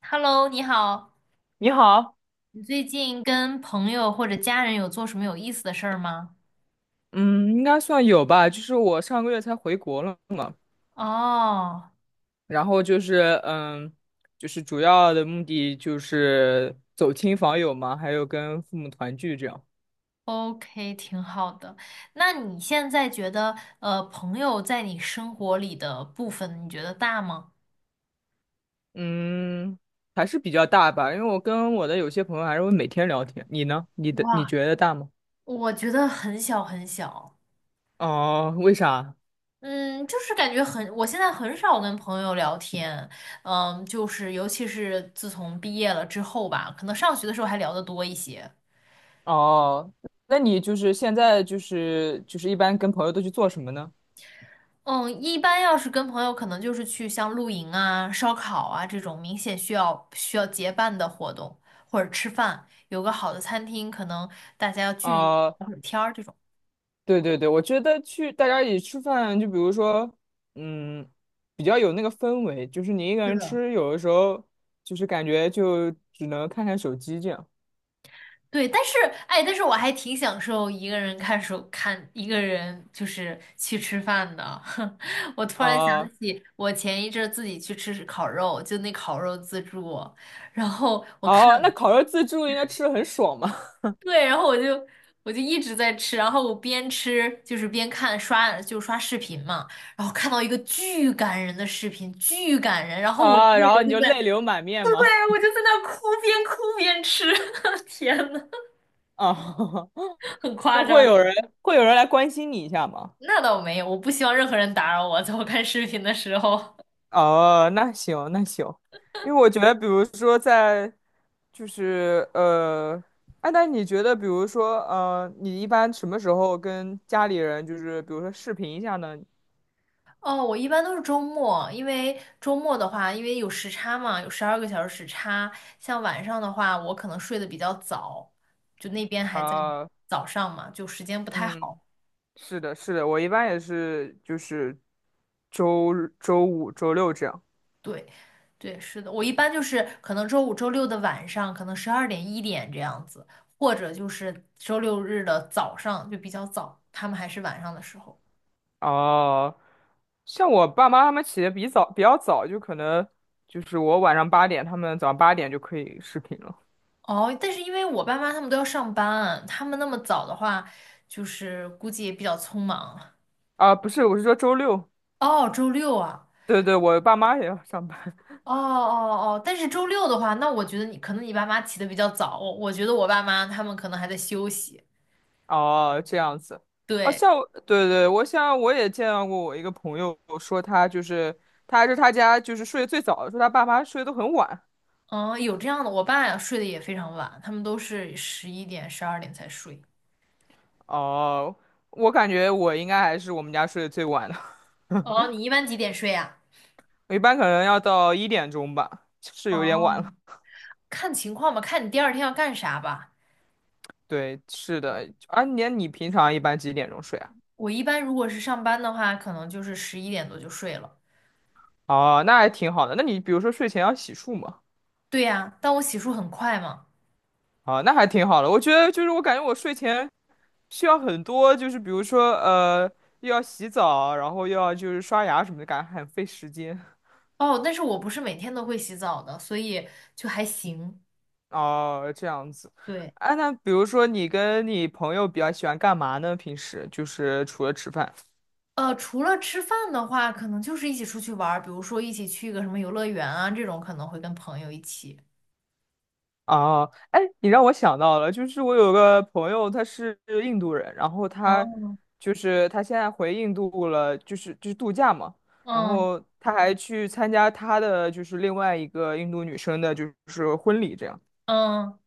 Hello，你好，你好，你最近跟朋友或者家人有做什么有意思的事儿吗？嗯，应该算有吧。就是我上个月才回国了嘛，哦然后就是就是主要的目的就是走亲访友嘛，还有跟父母团聚这样。，OK，挺好的。那你现在觉得，朋友在你生活里的部分，你觉得大吗？嗯，还是比较大吧，因为我跟我的有些朋友还是会每天聊天。你呢？你哇，觉得大吗？我觉得很小很小。哦，为啥？嗯，就是感觉很，我现在很少跟朋友聊天。嗯，就是尤其是自从毕业了之后吧，可能上学的时候还聊得多一些。哦，那你就是现在就是一般跟朋友都去做什么呢？嗯，一般要是跟朋友，可能就是去像露营啊、烧烤啊这种明显需要结伴的活动，或者吃饭，有个好的餐厅，可能大家要聚。哦、对对对，我觉得去大家一起吃饭，就比如说，嗯，比较有那个氛围，就是你一个是人的。吃，有的时候就是感觉就只能看看手机这样。对，但是我还挺享受一个人就是去吃饭的。我突然想哦起我前一阵儿自己去吃烤肉，就那烤肉自助，然后我看。哦，那烤肉自助应该吃的很爽嘛？对，然后我就一直在吃，然后我边吃就是边看刷就刷视频嘛，然后看到一个巨感人的视频，巨感人，然 后我啊，一个然后人你就就在，泪流满面对，吗？我就在那哭，边哭边吃，天呐，啊，很那夸会张。有人 会有人来关心你一下吗？那倒没有，我不希望任何人打扰我，在我看视频的时候。哦，那行那行，因为我觉得，比如说在，就是哎，那你觉得，比如说你一般什么时候跟家里人，就是比如说视频一下呢？哦，我一般都是周末，因为周末的话，因为有时差嘛，有12个小时时差。像晚上的话，我可能睡得比较早，就那边还在啊、早上嘛，就时间不太嗯，好。是的，是的，我一般也是，就是周日周五、周六这样。对，对，是的，我一般就是可能周五、周六的晚上，可能十二点、一点这样子，或者就是周六日的早上就比较早，他们还是晚上的时候。哦、像我爸妈他们起的比较早，就可能就是我晚上八点，他们早上八点就可以视频了。哦，但是因为我爸妈他们都要上班，他们那么早的话，就是估计也比较匆忙。啊、不是，我是说周六。哦，周六啊。对对，我爸妈也要上班。哦哦哦，但是周六的话，那我觉得你可能你爸妈起得比较早，我觉得我爸妈他们可能还在休息。哦，这样子。哦，对，像我对对，我也见到过我一个朋友说他家就是睡得最早的，说他爸妈睡得都很晚。嗯，有这样的，我爸呀睡得也非常晚，他们都是十一点、十二点才睡。哦，我感觉我应该还是我们家睡得最晚的，哦，你一般几点睡呀？我一般可能要到1点钟吧，是有点哦，晚了。看情况吧，看你第二天要干啥吧。对，是对，的。啊，你平常一般几点钟睡啊？我一般如果是上班的话，可能就是11点多就睡了。哦，那还挺好的。那你比如说睡前要洗漱吗？对呀，但我洗漱很快嘛。啊，那还挺好的。我觉得就是我感觉我睡前需要很多，就是比如说又要洗澡，然后又要就是刷牙什么的，感觉很费时间。哦，但是我不是每天都会洗澡的，所以就还行。哦，这样子。对。哎，那比如说你跟你朋友比较喜欢干嘛呢？平时就是除了吃饭。除了吃饭的话，可能就是一起出去玩儿，比如说一起去一个什么游乐园啊，这种可能会跟朋友一起。啊，哎，你让我想到了，就是我有个朋友，他是印度人，然后他嗯就是他现在回印度了，就是度假嘛，然嗯后他还去参加他的就是另外一个印度女生的，就是婚礼这样，嗯，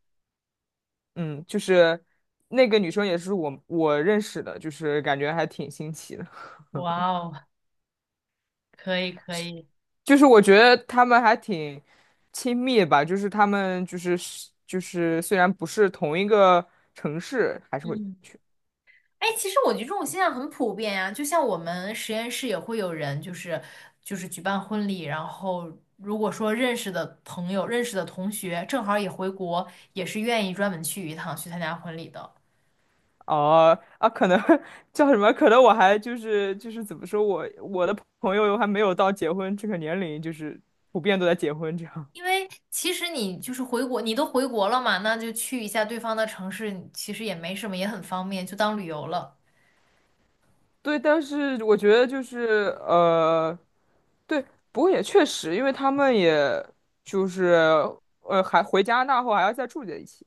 嗯，就是那个女生也是我认识的，就是感觉还挺新奇的，哇哦，可以可以，就是我觉得他们还挺亲密吧，就是他们就是虽然不是同一个城市，还是会。嗯，哎，其实我觉得这种现象很普遍呀、就像我们实验室也会有人，就是举办婚礼，然后如果说认识的朋友、认识的同学正好也回国，也是愿意专门去一趟去参加婚礼的。哦啊，可能 叫什么？可能我还就是怎么说我的朋友还没有到结婚这个年龄，就是普遍都在结婚这样。因为其实你就是回国，你都回国了嘛，那就去一下对方的城市，其实也没什么，也很方便，就当旅游了。对，但是我觉得就是对，不过也确实，因为他们也就是还回加拿大后还要再住在一起。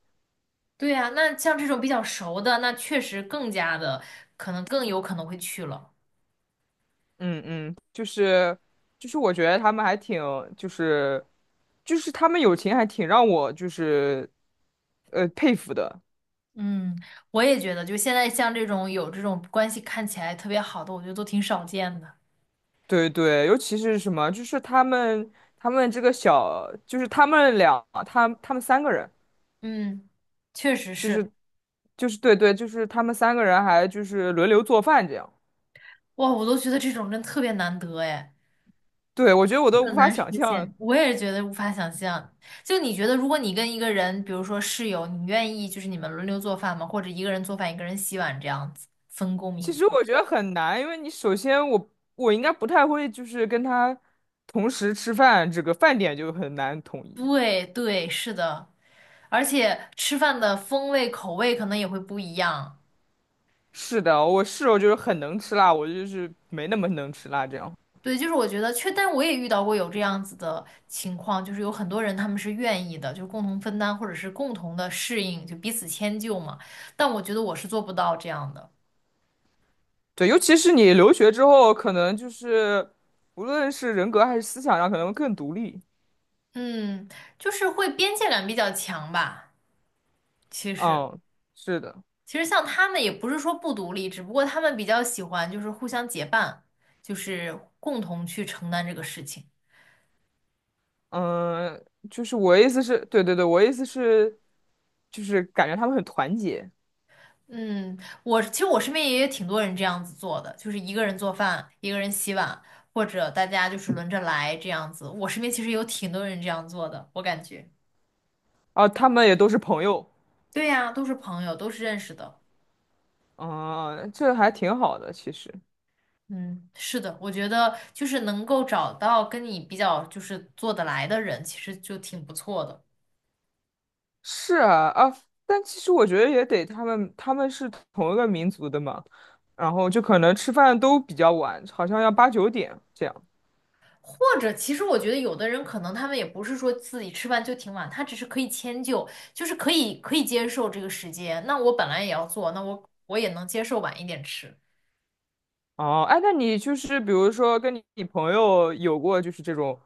对呀，那像这种比较熟的，那确实更加的，可能更有可能会去了。嗯嗯，就是我觉得他们还挺就是就是他们友情还挺让我就是佩服的。嗯，我也觉得，就现在像这种有这种关系看起来特别好的，我觉得都挺少见的。对对，尤其是什么，就是他们这个小，就是他们俩，他们三个人，嗯，确实就是，是就是对对，就是他们三个人还就是轮流做饭这样。哇，我都觉得这种人特别难得哎。对，我觉得我都无很法难实想象。现，我也觉得无法想象。就你觉得，如果你跟一个人，比如说室友，你愿意就是你们轮流做饭吗？或者一个人做饭，一个人洗碗这样子，分工其明确？实我觉得很难，因为你首先我应该不太会，就是跟他同时吃饭，这个饭点就很难统一。对对，是的，而且吃饭的风味口味可能也会不一样。是的，我室友就是很能吃辣，我就是没那么能吃辣这样。对，就是我觉得确，但我也遇到过有这样子的情况，就是有很多人他们是愿意的，就是共同分担或者是共同的适应，就彼此迁就嘛。但我觉得我是做不到这样的，对，尤其是你留学之后，可能就是无论是人格还是思想上，可能更独立。嗯，就是会边界感比较强吧。其实，嗯，是的，其实像他们也不是说不独立，只不过他们比较喜欢就是互相结伴，就是共同去承担这个事情。嗯，就是我意思是，对对对，我意思是，就是感觉他们很团结，嗯，我其实我身边也有挺多人这样子做的，就是一个人做饭，一个人洗碗，或者大家就是轮着来这样子。我身边其实有挺多人这样做的，我感觉。啊，他们也都是朋友，对呀，都是朋友，都是认识的。嗯，这还挺好的，其实嗯，是的，我觉得就是能够找到跟你比较就是做得来的人，其实就挺不错的。是啊啊，但其实我觉得也得他们是同一个民族的嘛，然后就可能吃饭都比较晚，好像要8、9点这样。或者，其实我觉得有的人可能他们也不是说自己吃饭就挺晚，他只是可以迁就，就是可以接受这个时间。那我本来也要做，那我也能接受晚一点吃。哦，哎，那你就是比如说跟你朋友有过就是这种，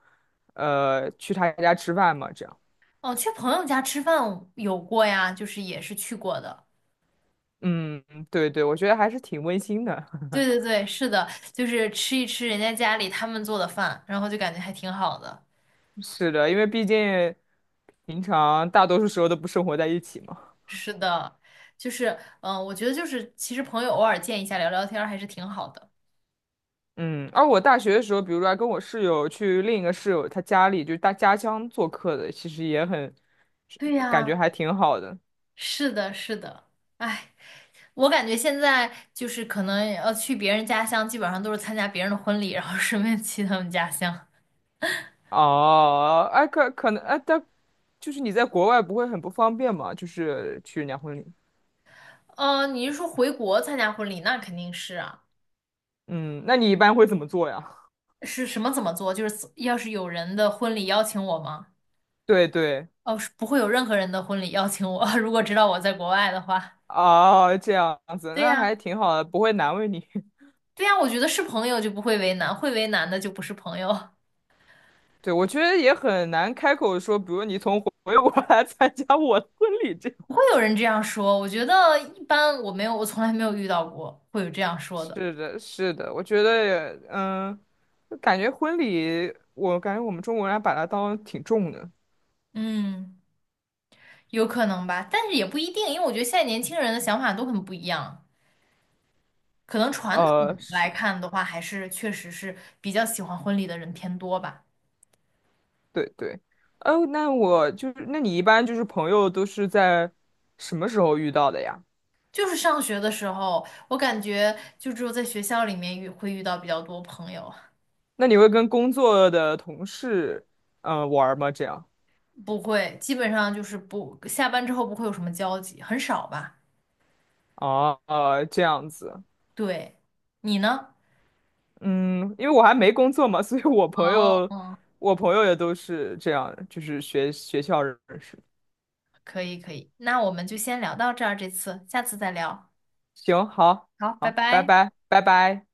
去他家吃饭吗？这样，哦，去朋友家吃饭有过呀，就是也是去过的。嗯，对对，我觉得还是挺温馨的。对对对，是的，就是吃一吃人家家里他们做的饭，然后就感觉还挺好的。是的，因为毕竟平常大多数时候都不生活在一起嘛。是的，就是我觉得就是其实朋友偶尔见一下聊聊天儿还是挺好的。嗯，而我大学的时候，比如说还跟我室友去另一个室友他家里，就是他家乡做客的，其实也很对感觉呀，还挺好的。是的，是的，哎。我感觉现在就是可能去别人家乡，基本上都是参加别人的婚礼，然后顺便去他们家乡。哦，哎，可能哎，但就是你在国外不会很不方便嘛？就是去人家婚礼。嗯，你是说回国参加婚礼？那肯定是啊。嗯，那你一般会怎么做呀？是什么怎么做？就是要是有人的婚礼邀请我吗？对对，哦，是不会有任何人的婚礼邀请我，如果知道我在国外的话。哦，这样子，对那呀，还挺好的，不会难为你。对呀，我觉得是朋友就不会为难，会为难的就不是朋友。对，我觉得也很难开口说，比如你回国来参加我的婚礼这样。不会有人这样说，我觉得一般，我没有，我从来没有遇到过会有这样 说的。是的，是的，我觉得也，就感觉婚礼，我感觉我们中国人还把它当挺重的。嗯。有可能吧，但是也不一定，因为我觉得现在年轻人的想法都很不一样。可能传统来是，看的话，还是确实是比较喜欢婚礼的人偏多吧。对对。哦，那我就是，那你一般就是朋友都是在什么时候遇到的呀？就是上学的时候，我感觉就只有在学校里面会遇到比较多朋友，那你会跟工作的同事，玩儿吗？这样？不会，基本上就是不，下班之后不会有什么交集，很少吧。哦，这样子，对，你呢？嗯，因为我还没工作嘛，所以我朋友，哦，我朋友也都是这样，就是学校认识。可以可以，那我们就先聊到这儿，这次，下次再聊。行，好，好，拜好，拜拜。拜，拜拜。